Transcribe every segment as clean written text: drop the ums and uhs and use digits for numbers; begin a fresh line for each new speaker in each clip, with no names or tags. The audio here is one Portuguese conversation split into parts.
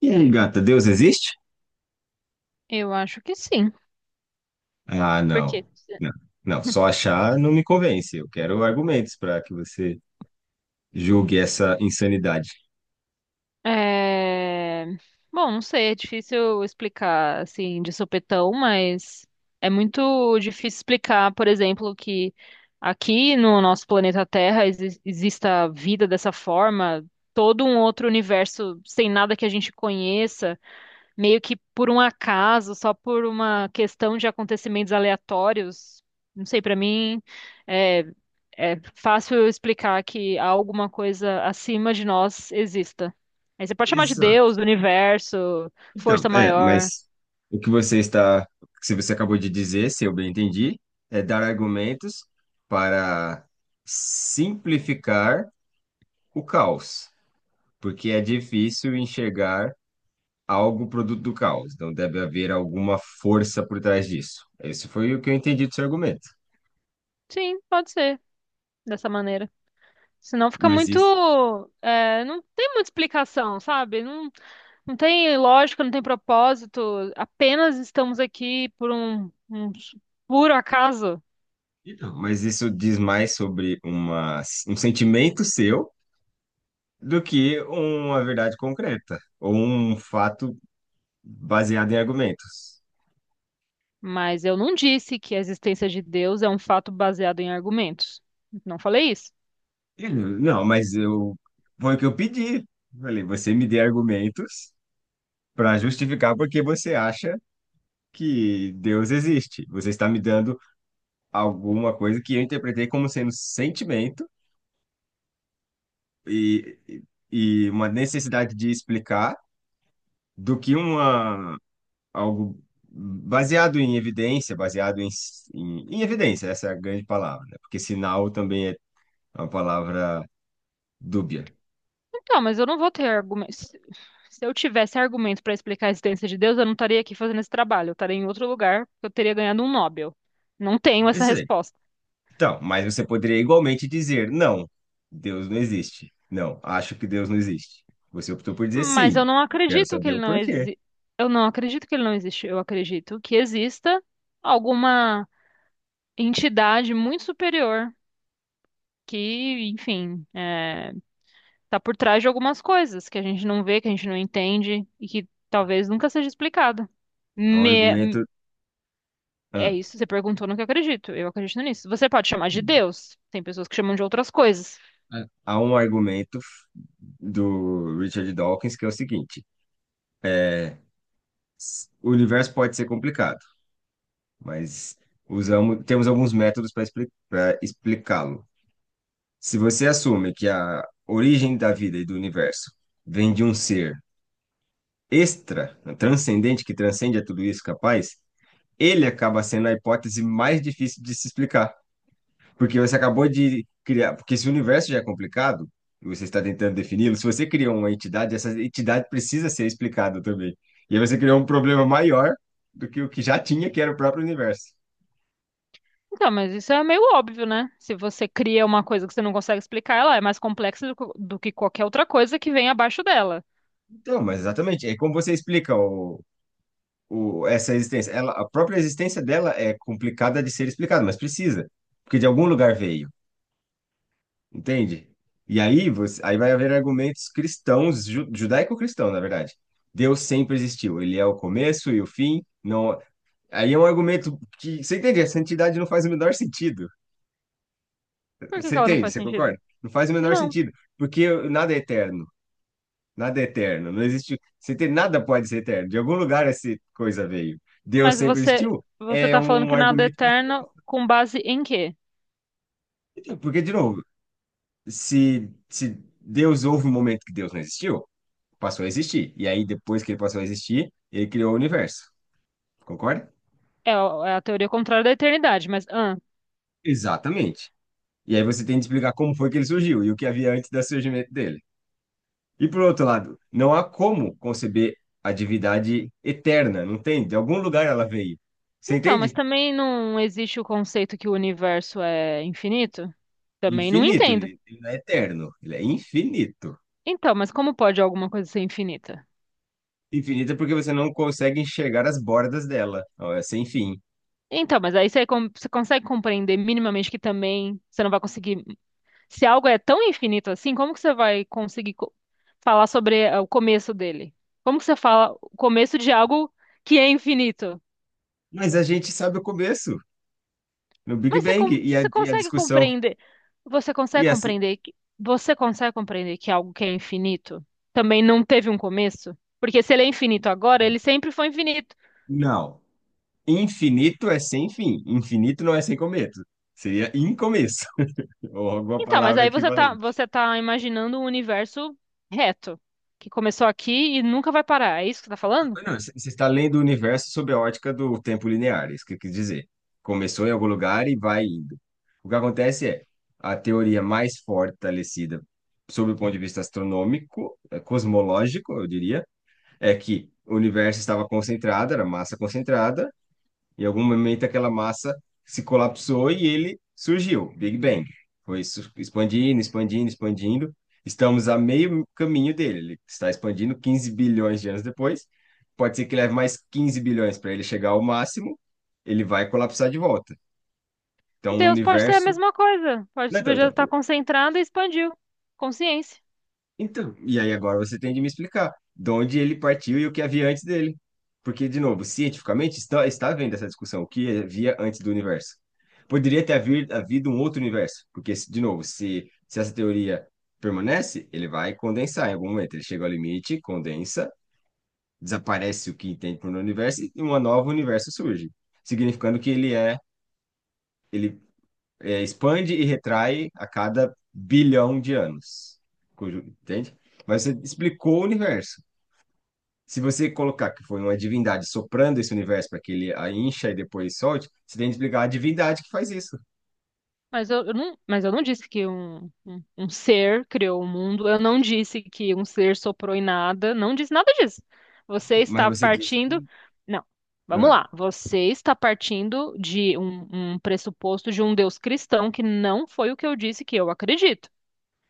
E aí, gata, Deus existe?
Eu acho que sim,
Ah,
porque
não. Não, não, só achar não me convence. Eu quero argumentos para que você julgue essa insanidade.
é... bom, não sei, é difícil explicar assim de sopetão, mas é muito difícil explicar, por exemplo, que aqui no nosso planeta Terra exista vida dessa forma, todo um outro universo sem nada que a gente conheça, meio que por um acaso, só por uma questão de acontecimentos aleatórios. Não sei, para mim é, é fácil eu explicar que há alguma coisa acima de nós exista. Aí você pode chamar de Deus,
Exato.
universo,
Então,
força
é,
maior.
mas o que você está, se você acabou de dizer, se eu bem entendi, é dar argumentos para simplificar o caos, porque é difícil enxergar algo produto do caos. Então deve haver alguma força por trás disso. Esse foi o que eu entendi do seu argumento.
Sim, pode ser dessa maneira. Senão fica
Mas
muito.
isso
É, não tem muita explicação, sabe? Não, não tem lógica, não tem propósito. Apenas estamos aqui por um puro acaso.
Então, mas isso diz mais sobre um sentimento seu do que uma verdade concreta ou um fato baseado em argumentos.
Mas eu não disse que a existência de Deus é um fato baseado em argumentos. Não falei isso.
Ele, não, mas eu foi o que eu pedi. Falei, você me dê argumentos para justificar porque você acha que Deus existe. Você está me dando alguma coisa que eu interpretei como sendo sentimento e, e e uma necessidade de explicar do que uma algo baseado em evidência, baseado em evidência, essa é a grande palavra, né? Porque sinal também é uma palavra dúbia.
Então, mas eu não vou ter argumentos. Se eu tivesse argumento para explicar a existência de Deus, eu não estaria aqui fazendo esse trabalho. Eu estaria em outro lugar, porque eu teria ganhado um Nobel. Não tenho
Quer
essa
dizer,
resposta.
Então, mas você poderia igualmente dizer, não, Deus não existe. Não, acho que Deus não existe. Você optou por dizer
Mas eu
sim.
não
Eu quero
acredito que
saber
ele
o
não
porquê.
eu não acredito que ele não existe. Eu acredito que exista alguma entidade muito superior que, enfim, tá por trás de algumas coisas que a gente não vê, que a gente não entende e que talvez nunca seja explicado.
Há um argumento,
Me- É
ah,
isso, você perguntou no que eu acredito. Eu acredito nisso. Você pode chamar de Deus. Tem pessoas que chamam de outras coisas.
há um argumento do Richard Dawkins que é o seguinte: o universo pode ser complicado. Mas temos alguns métodos para explicá-lo. Se você assume que a origem da vida e do universo vem de um ser extra, né, transcendente, que transcende a tudo isso capaz, ele acaba sendo a hipótese mais difícil de se explicar. Porque você acabou de criar. Porque se o universo já é complicado, e você está tentando defini-lo, se você criou uma entidade, essa entidade precisa ser explicada também. E aí você criou um problema maior do que o que já tinha, que era o próprio universo.
Então, mas isso é meio óbvio, né? Se você cria uma coisa que você não consegue explicar, ela é mais complexa do que qualquer outra coisa que vem abaixo dela.
Então, mas exatamente, é como você explica essa existência. A própria existência dela é complicada de ser explicada, mas precisa, porque de algum lugar veio, entende? E aí, aí vai haver argumentos cristãos, judaico-cristão, na verdade. Deus sempre existiu, ele é o começo e o fim. Não, aí é um argumento que, você entende? Essa entidade não faz o menor sentido.
Por que
Você
que ela não
entende?
faz
Você
sentido?
concorda? Não faz o menor
Não.
sentido, porque nada é eterno. Nada é eterno, não existe. Se tem, nada pode ser eterno. De algum lugar essa coisa veio. Deus
Mas
sempre existiu.
você
É
tá falando
um
que nada é
argumento para
eterno com base em quê?
que tem. Porque, de novo, se Deus houve um momento que Deus não existiu, passou a existir. E aí, depois que ele passou a existir, ele criou o universo. Concorda?
É a teoria contrária da eternidade, mas
Exatamente. E aí você tem de explicar como foi que ele surgiu e o que havia antes do surgimento dele. E por outro lado, não há como conceber a divindade eterna, não tem? De algum lugar ela veio. Você
Então, mas
entende?
também não existe o conceito que o universo é infinito? Também não
Infinito,
entendo.
ele não é eterno, ele é infinito.
Então, mas como pode alguma coisa ser infinita?
Infinito é porque você não consegue enxergar as bordas dela, ó, é sem fim.
Então, mas aí você consegue compreender minimamente que também você não vai conseguir. Se algo é tão infinito assim, como que você vai conseguir falar sobre o começo dele? Como que você fala o começo de algo que é infinito?
Mas a gente sabe o começo, no Big
Mas
Bang,
você
e a
consegue
discussão.
compreender? Você consegue
E assim,
compreender que é algo que é infinito também não teve um começo? Porque se ele é infinito agora, ele sempre foi infinito.
não, infinito é sem fim, infinito não é sem começo, seria incomeço, ou alguma
Então, mas
palavra equivalente.
você tá imaginando um universo reto, que começou aqui e nunca vai parar. É isso que você tá falando?
Não, você está lendo o universo sob a ótica do tempo linear, é isso que eu quis dizer. Começou em algum lugar e vai indo. O que acontece é, a teoria mais fortalecida sob o ponto de vista astronômico, cosmológico, eu diria, é que o universo estava concentrado, era massa concentrada, em algum momento aquela massa se colapsou e ele surgiu, Big Bang. Expandindo, expandindo, expandindo. Estamos a meio caminho dele. Ele está expandindo 15 bilhões de anos depois. Pode ser que leve mais 15 bilhões para ele chegar ao máximo, ele vai colapsar de volta. Então, o
Deus pode ser a
universo.
mesma coisa.
Não, então,
Pode estar
então,
concentrado e expandiu. Consciência.
Então, e aí agora você tem de me explicar de onde ele partiu e o que havia antes dele. Porque, de novo, cientificamente está havendo essa discussão, o que havia antes do universo. Poderia ter havido um outro universo, porque, de novo, se essa teoria permanece, ele vai condensar em algum momento. Ele chega ao limite, condensa, desaparece o que entende por um universo e um novo universo surge, significando que ele é, expande e retrai a cada bilhão de anos. Entende? Mas você explicou o universo. Se você colocar que foi uma divindade soprando esse universo para que ele a encha e depois solte, você tem que explicar a divindade que faz isso.
Mas eu não, mas eu não disse que um ser criou o mundo, eu não disse que um ser soprou em nada, não disse nada disso. Você
Mas
está
você disse
partindo.
que.
Não, vamos
Ah,
lá. Você está partindo de um pressuposto de um Deus cristão que não foi o que eu disse que eu acredito.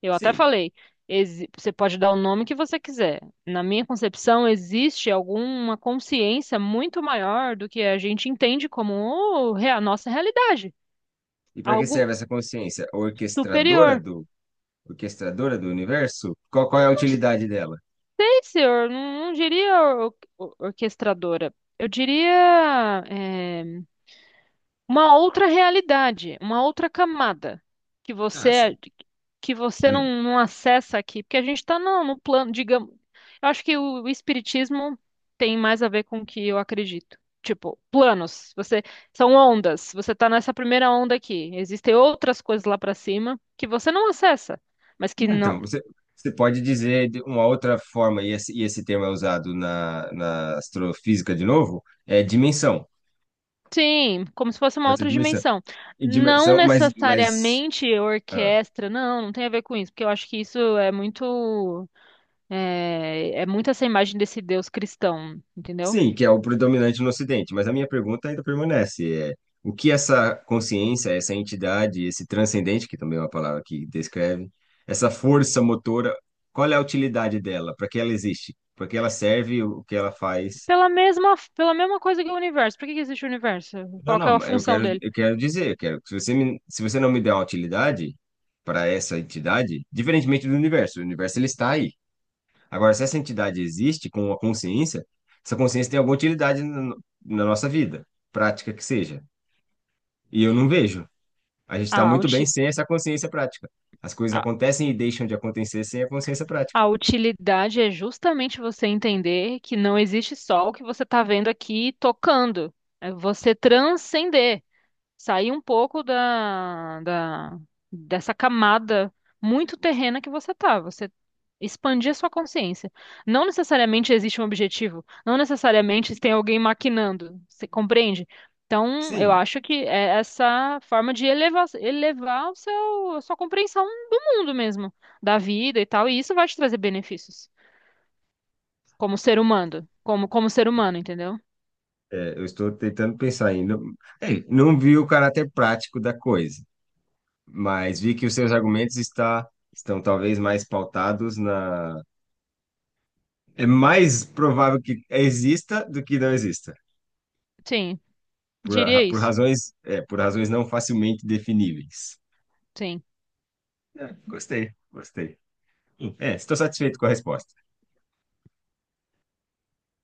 Eu até
sim.
falei, você pode dar o nome que você quiser. Na minha concepção, existe alguma consciência muito maior do que a gente entende como oh, é a nossa realidade,
E para que
algo
serve essa consciência
superior.
orquestradora do universo? Qual é a
Sei
utilidade dela?
se eu não, não diria orquestradora. Eu diria uma outra realidade, uma outra camada que
Ah,
você
sim.
que você
Hum.
não, não acessa aqui, porque a gente está no, no plano, digamos. Eu acho que o espiritismo tem mais a ver com o que eu acredito. Tipo, planos. Você são ondas. Você está nessa primeira onda aqui. Existem outras coisas lá para cima que você não acessa, mas que
Não, Então, você pode dizer de uma outra forma, e esse termo é usado na astrofísica de novo, é dimensão.
sim, como se fosse uma
Pode ser
outra
dimensão.
dimensão.
E
Não
dimensão,
necessariamente
ah,
orquestra, não, não tem a ver com isso, porque eu acho que isso é muito, é muito essa imagem desse Deus cristão, entendeu?
sim, que é o predominante no Ocidente. Mas a minha pergunta ainda permanece. É, o que essa consciência, essa entidade, esse transcendente, que também é uma palavra que descreve, essa força motora, qual é a utilidade dela? Para que ela existe? Para que ela serve? O que ela faz?
Pela mesma coisa que o universo. Por que que existe o universo?
Não,
Qual que é a
não,
função dele?
eu quero dizer, eu quero que se você não me der uma utilidade para essa entidade, diferentemente do universo, o universo ele está aí. Agora, se essa entidade existe com a consciência, essa consciência tem alguma utilidade na, no- na nossa vida, prática que seja. E eu não vejo. A gente está
A,
muito bem
uti-
sem essa consciência prática. As coisas
a,
acontecem e deixam de acontecer sem a consciência prática.
a utilidade é justamente você entender que não existe só o que você está vendo aqui tocando. É você transcender. Sair um pouco dessa camada muito terrena que você tá. Você expandir a sua consciência. Não necessariamente existe um objetivo, não necessariamente tem alguém maquinando, você compreende? Então, eu
Sim,
acho que é essa forma de elevar, elevar a sua compreensão do mundo mesmo, da vida e tal, e isso vai te trazer benefícios como ser humano, como ser humano, entendeu?
é, eu estou tentando pensar ainda. É, não vi o caráter prático da coisa. Mas vi que os seus argumentos está, estão talvez mais pautados na... É mais provável que exista do que não exista,
Sim,
por,
diria
por
isso.
razões, é, por razões não facilmente definíveis.
Sim.
É, gostei, gostei. É, estou satisfeito com a resposta.